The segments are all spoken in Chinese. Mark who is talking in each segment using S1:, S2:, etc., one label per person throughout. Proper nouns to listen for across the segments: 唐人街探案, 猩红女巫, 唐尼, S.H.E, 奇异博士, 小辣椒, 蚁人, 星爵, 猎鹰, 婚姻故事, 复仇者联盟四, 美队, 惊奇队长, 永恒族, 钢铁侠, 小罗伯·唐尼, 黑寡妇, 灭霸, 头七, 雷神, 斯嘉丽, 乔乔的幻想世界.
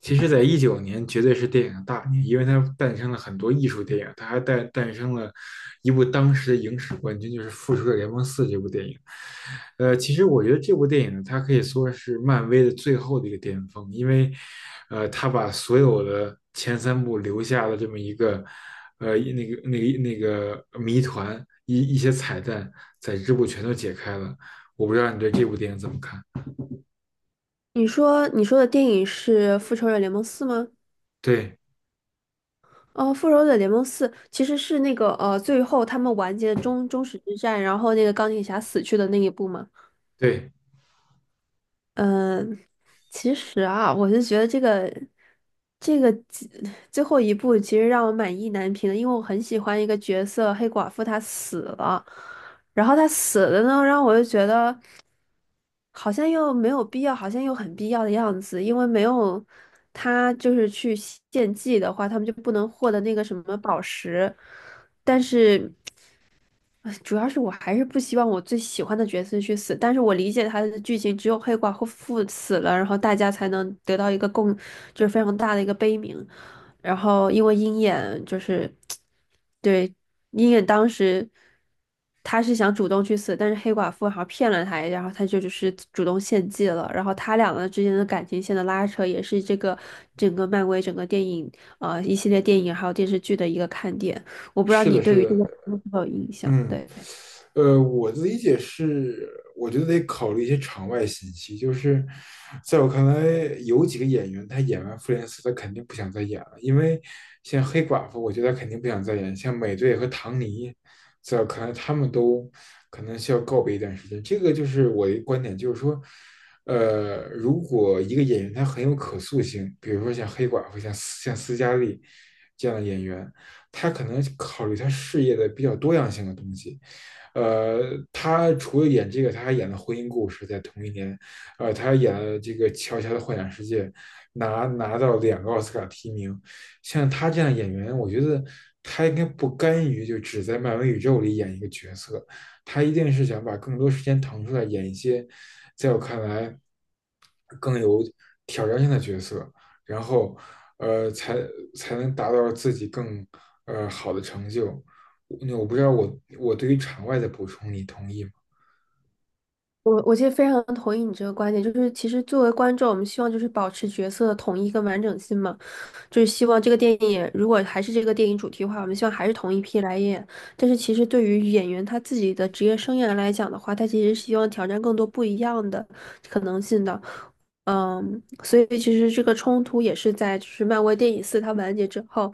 S1: 其实，在19年绝对是电影的大年，因为它诞生了很多艺术电影，它还诞生了一部当时的影史冠军，就是《复仇者联盟四》这部电影。其实我觉得这部电影它可以说是漫威的最后的一个巅峰，因为，它把所有的前三部留下的这么一个，那个谜团一些彩蛋，在这部全都解开了。我不知道你对这部电影怎么看？
S2: 你说的电影是《复仇者联盟四》吗？
S1: 对
S2: 哦，《复仇者联盟四》其实是那个最后他们完结的终始之战，然后那个钢铁侠死去的那一部嘛。
S1: 对，
S2: 嗯，其实啊，我就觉得这个最后一部其实让我满意难平的，因为我很喜欢一个角色黑寡妇，她死了，然后她死了呢，让我就觉得，好像又没有必要，好像又很必要的样子，因为没有他就是去献祭的话，他们就不能获得那个什么宝石，但是。主要是我还是不希望我最喜欢的角色去死，但是我理解他的剧情，只有黑寡妇死了，然后大家才能得到一个共，就是非常大的一个悲鸣。然后因为鹰眼就是，对，鹰眼当时他是想主动去死，但是黑寡妇好像骗了他，然后他就只是主动献祭了。然后他俩个之间的感情线的拉扯，也是这个整个漫威整个电影一系列电影还有电视剧的一个看点。我不知道
S1: 是
S2: 你
S1: 的，
S2: 对
S1: 是
S2: 于这个
S1: 的，
S2: 有没有印象？
S1: 嗯，
S2: 对，
S1: 我的理解是，我觉得得考虑一些场外信息。就是在我看来，有几个演员他演完《复联四》，他肯定不想再演了，因为像黑寡妇，我觉得他肯定不想再演。像美队和唐尼，在可能他们都可能需要告别一段时间。这个就是我的观点，就是说，如果一个演员他很有可塑性，比如说像黑寡妇、像斯嘉丽这样的演员。他可能考虑他事业的比较多样性的东西。呃，他除了演这个，他还演了《婚姻故事》在同一年，他还演了这个《乔乔的幻想世界》拿到两个奥斯卡提名。像他这样演员，我觉得他应该不甘于就只在漫威宇宙里演一个角色，他一定是想把更多时间腾出来演一些，在我看来更有挑战性的角色。然后呃才才能达到自己更好的成就。那我不知道我对于场外的补充你同意吗？
S2: 我其实非常同意你这个观点，就是其实作为观众，我们希望就是保持角色的统一跟完整性嘛，就是希望这个电影如果还是这个电影主题的话，我们希望还是同一批来演。但是其实对于演员他自己的职业生涯来讲的话，他其实是希望挑战更多不一样的可能性的。所以其实这个冲突也是在就是漫威电影四它完结之后。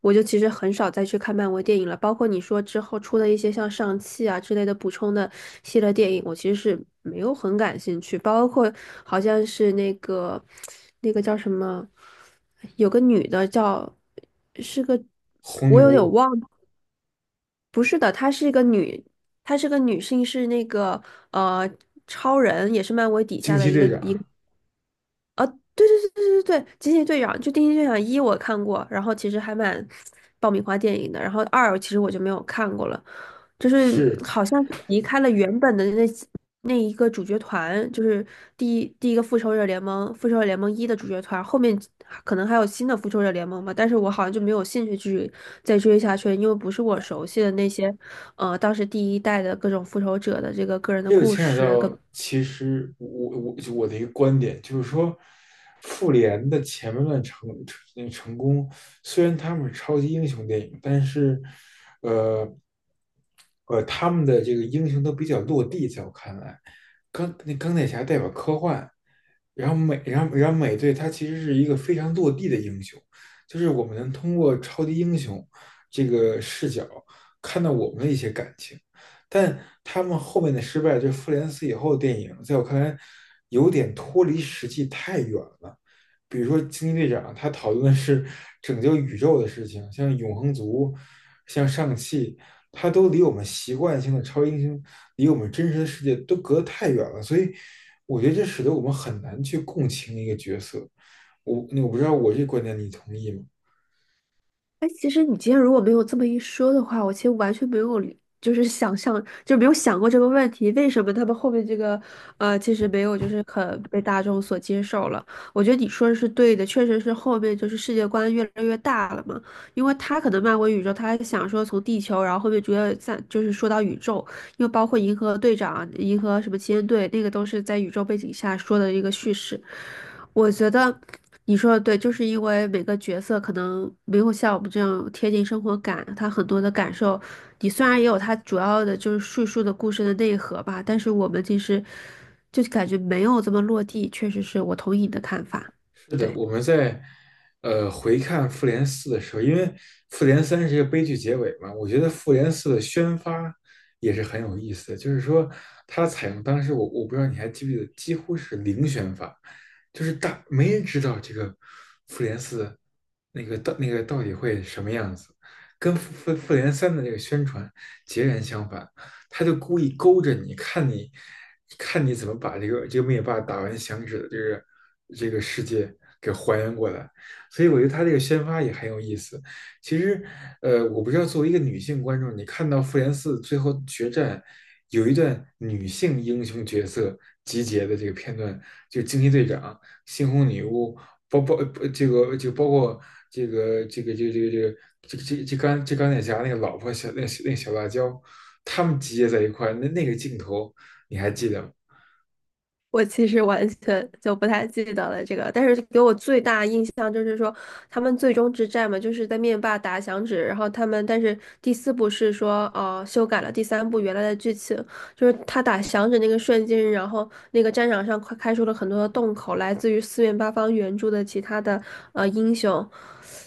S2: 我就其实很少再去看漫威电影了，包括你说之后出的一些像上汽啊之类的补充的系列电影，我其实是没有很感兴趣。包括好像是那个那个叫什么，有个女的叫是个，
S1: 红
S2: 我有点
S1: 牛、
S2: 忘了，不是的，她是一个女，她是个女性，是那个呃超人，也是漫威底下
S1: 惊
S2: 的
S1: 奇
S2: 一个
S1: 队
S2: 一
S1: 长
S2: 个对对对对对对，惊奇队长一我看过，然后其实还蛮爆米花电影的，然后二其实我就没有看过了，就是
S1: 是
S2: 好像是离开了原本的那一个主角团，就是第一个复仇者联盟，复仇者联盟一的主角团，后面可能还有新的复仇者联盟吧，但是我好像就没有兴趣去再追下去了因为不是我熟悉的那些，当时第一代的各种复仇者的这个个人的
S1: 这个
S2: 故
S1: 牵扯
S2: 事。跟。
S1: 到，其实我就我的一个观点就是说，复联的前半段成功，虽然他们是超级英雄电影，但是，呃，他们的这个英雄都比较落地，在我看来，钢铁侠代表科幻，然后美队他其实是一个非常落地的英雄，就是我们能通过超级英雄这个视角看到我们的一些感情。但他们后面的失败，就复联四以后的电影，在我看来有点脱离实际太远了。比如说惊奇队长，他讨论的是拯救宇宙的事情，像永恒族、像上汽，他都离我们习惯性的超英雄，离我们真实的世界都隔得太远了。所以我觉得这使得我们很难去共情一个角色。我我不知道我这观点你同意吗？
S2: 哎，其实你今天如果没有这么一说的话，我其实完全没有理，就是想象，就没有想过这个问题，为什么他们后面这个，其实没有就是可被大众所接受了。我觉得你说的是对的，确实是后面就是世界观越来越大了嘛，因为他可能漫威宇宙，他还想说从地球，然后后面逐渐在就是说到宇宙，又包括银河队长、银河什么奇恩队，那个都是在宇宙背景下说的一个叙事。我觉得你说的对，就是因为每个角色可能没有像我们这样贴近生活感，他很多的感受，你虽然也有他主要的就是叙述的故事的内核吧，但是我们其实就感觉没有这么落地，确实是我同意你的看法。
S1: 是的，
S2: 对。
S1: 我们在回看《复联四》的时候，因为《复联三》是一个悲剧结尾嘛，我觉得《复联四》的宣发也是很有意思的，就是说它采用当时我不知道你还记不记得，几乎是零宣发，就是大没人知道这个《复联四》那个到那个到底会什么样子，跟《复联三》的这个宣传截然相反。他就故意勾着你，看你，看你怎么把这个灭霸打完响指的这个世界给还原过来。所以我觉得他这个宣发也很有意思。其实，我不知道作为一个女性观众，你看到复联四最后决战有一段女性英雄角色集结的这个片段，就惊奇队长、猩红女巫，包包这个就包括这个这个这个这个这个这这钢这钢铁侠那个老婆小那那小辣椒，他们集结在一块儿那个镜头你还记得吗？
S2: 我其实完全就不太记得了这个，但是给我最大印象就是说，他们最终之战嘛，就是在灭霸打响指，然后他们但是第四部是说，修改了第三部原来的剧情，就是他打响指那个瞬间，然后那个战场上快开出了很多的洞口，来自于四面八方援助的其他的英雄，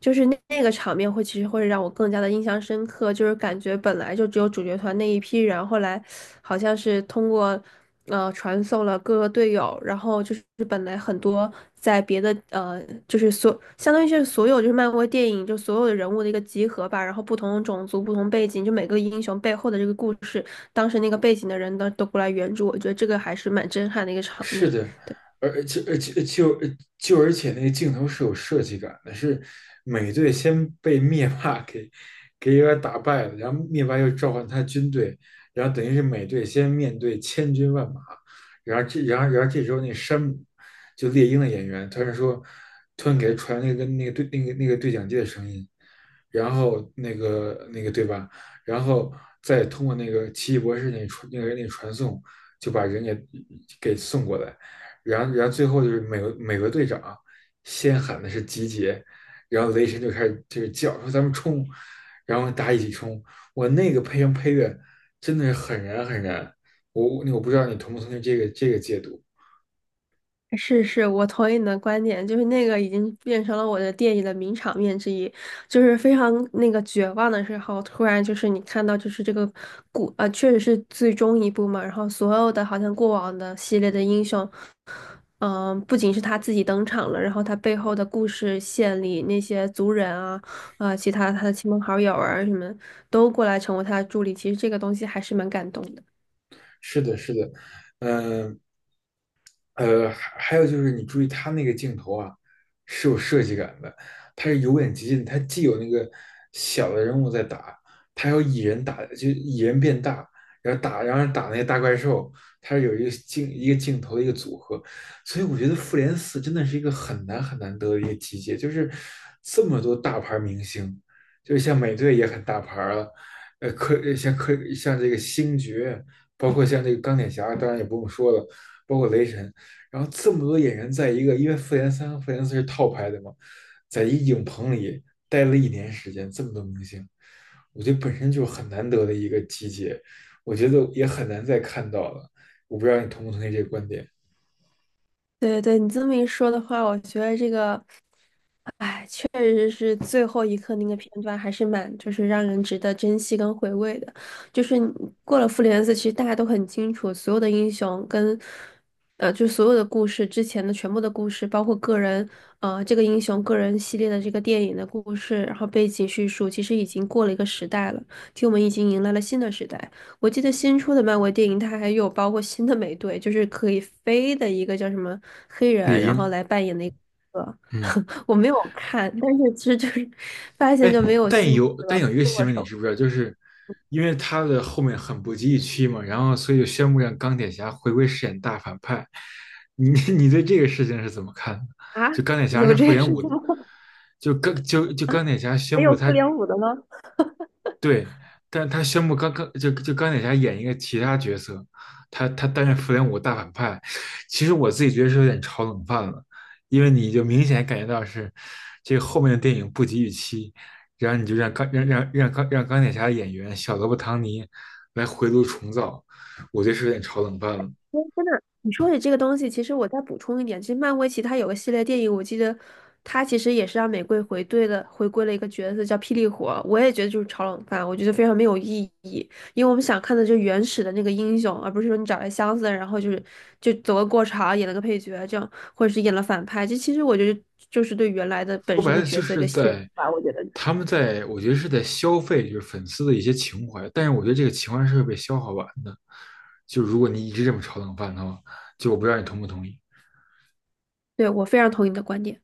S2: 就是那那个场面会其实会让我更加的印象深刻，就是感觉本来就只有主角团那一批人，后来好像是通过传送了各个队友，然后就是本来很多在别的就是所相当于是所有就是漫威电影就所有的人物的一个集合吧，然后不同种族、不同背景，就每个英雄背后的这个故事，当时那个背景的人呢都过来援助，我觉得这个还是蛮震撼的一个场
S1: 是
S2: 面。
S1: 的，
S2: 对。
S1: 而而且而且就呃而且那个镜头是有设计感的，是美队先被灭霸 给有点打败了，然后灭霸又召唤他军队，然后等于是美队先面对千军万马，然后这然后然后这时候那山姆就猎鹰的演员突然说，突然给他传那个对讲机的声音，然后那个对吧，然后再通过那个奇异博士那个传送。就把人也给送过来，然后最后就是美国队长啊先喊的是集结，然后雷神就开始就是叫说咱们冲，然后大家一起冲，我那个配音配乐真的是很燃很燃，我我不知道你同不同意这个解读，
S2: 是是，我同意你的观点，就是那个已经变成了我的电影的名场面之一，就是非常那个绝望的时候，突然就是你看到就是这个确实是最终一部嘛，然后所有的好像过往的系列的英雄，不仅是他自己登场了，然后他背后的故事线里那些族人啊，其他他的亲朋好友啊什么都过来成为他的助理，其实这个东西还是蛮感动的。
S1: 是的是的，嗯、呃呃还有就是你注意它那个镜头啊，是有设计感的，它是由远及近，它既有那个小的人物在打，它还有蚁人打，就蚁人变大，然后打，然后打那个大怪兽，它是有一个镜头的一个组合，所以我觉得《复联四》真的是一个很难得的一个集结，就是这么多大牌明星，就是像美队也很大牌了，科像这个星爵，包括像这个钢铁侠，当然也不用说了。包括雷神，然后这么多演员在一个，因为复联三和复联四是套拍的嘛，在一影棚里待了一年时间，这么多明星，我觉得本身就很难得的一个集结，我觉得也很难再看到了。我不知道你同不同意这个观点，
S2: 对对，你这么一说的话，我觉得这个。确实是最后一刻那个片段，还是蛮就是让人值得珍惜跟回味的。就是你过了复联四，其实大家都很清楚，所有的英雄跟就所有的故事之前的全部的故事，包括个人这个英雄个人系列的这个电影的故事，然后背景叙述，其实已经过了一个时代了。其实我们已经迎来了新的时代。我记得新出的漫威电影，它还有包括新的美队，就是可以飞的一个叫什么黑人，
S1: 猎
S2: 然后
S1: 鹰，
S2: 来扮演的一个。
S1: 嗯。
S2: 我没有看，但是其实就是发现
S1: 哎，
S2: 就没有兴趣了，
S1: 但
S2: 不
S1: 有一个新
S2: 剁
S1: 闻你
S2: 手
S1: 知不知道？就是因为他的后面很不及预期嘛，然后所以就宣布让钢铁侠回归饰演大反派。你 你对这个事情是怎么看的？
S2: 啊？
S1: 就钢铁侠
S2: 有
S1: 是复
S2: 这个
S1: 联
S2: 事
S1: 五
S2: 情
S1: 的，
S2: 吗？
S1: 就钢就 就
S2: 啊，
S1: 钢铁侠
S2: 还
S1: 宣布
S2: 有复
S1: 他
S2: 联五的吗？
S1: 对，但他宣布刚刚就钢铁侠演一个其他角色，他担任复联五大反派，其实我自己觉得是有点炒冷饭了，因为你就明显感觉到是这个后面的电影不及预期，然后你就让钢让让让钢让钢铁侠的演员小罗伯·唐尼来回炉重造，我觉得是有点炒冷饭了。
S2: 哎真的，你说起这个东西，其实我再补充一点，其实漫威其他有个系列电影，我记得它其实也是让玫瑰回对的，回归了一个角色叫霹雳火，我也觉得就是炒冷饭，我觉得非常没有意义，因为我们想看的就是原始的那个英雄，而不是说你找来箱子，然后就是就走个过场，演了个配角这样，或者是演了反派，这其实我觉得就是对原来的本
S1: 说
S2: 身
S1: 白
S2: 的
S1: 了
S2: 角
S1: 就
S2: 色一
S1: 是
S2: 个亵渎
S1: 在
S2: 吧，我觉得，
S1: 他们在，我觉得是在消费，就是粉丝的一些情怀。但是我觉得这个情怀是会被消耗完的。就如果你一直这么炒冷饭的话，就我不知道你同不同意。
S2: 对，我非常同意你的观点。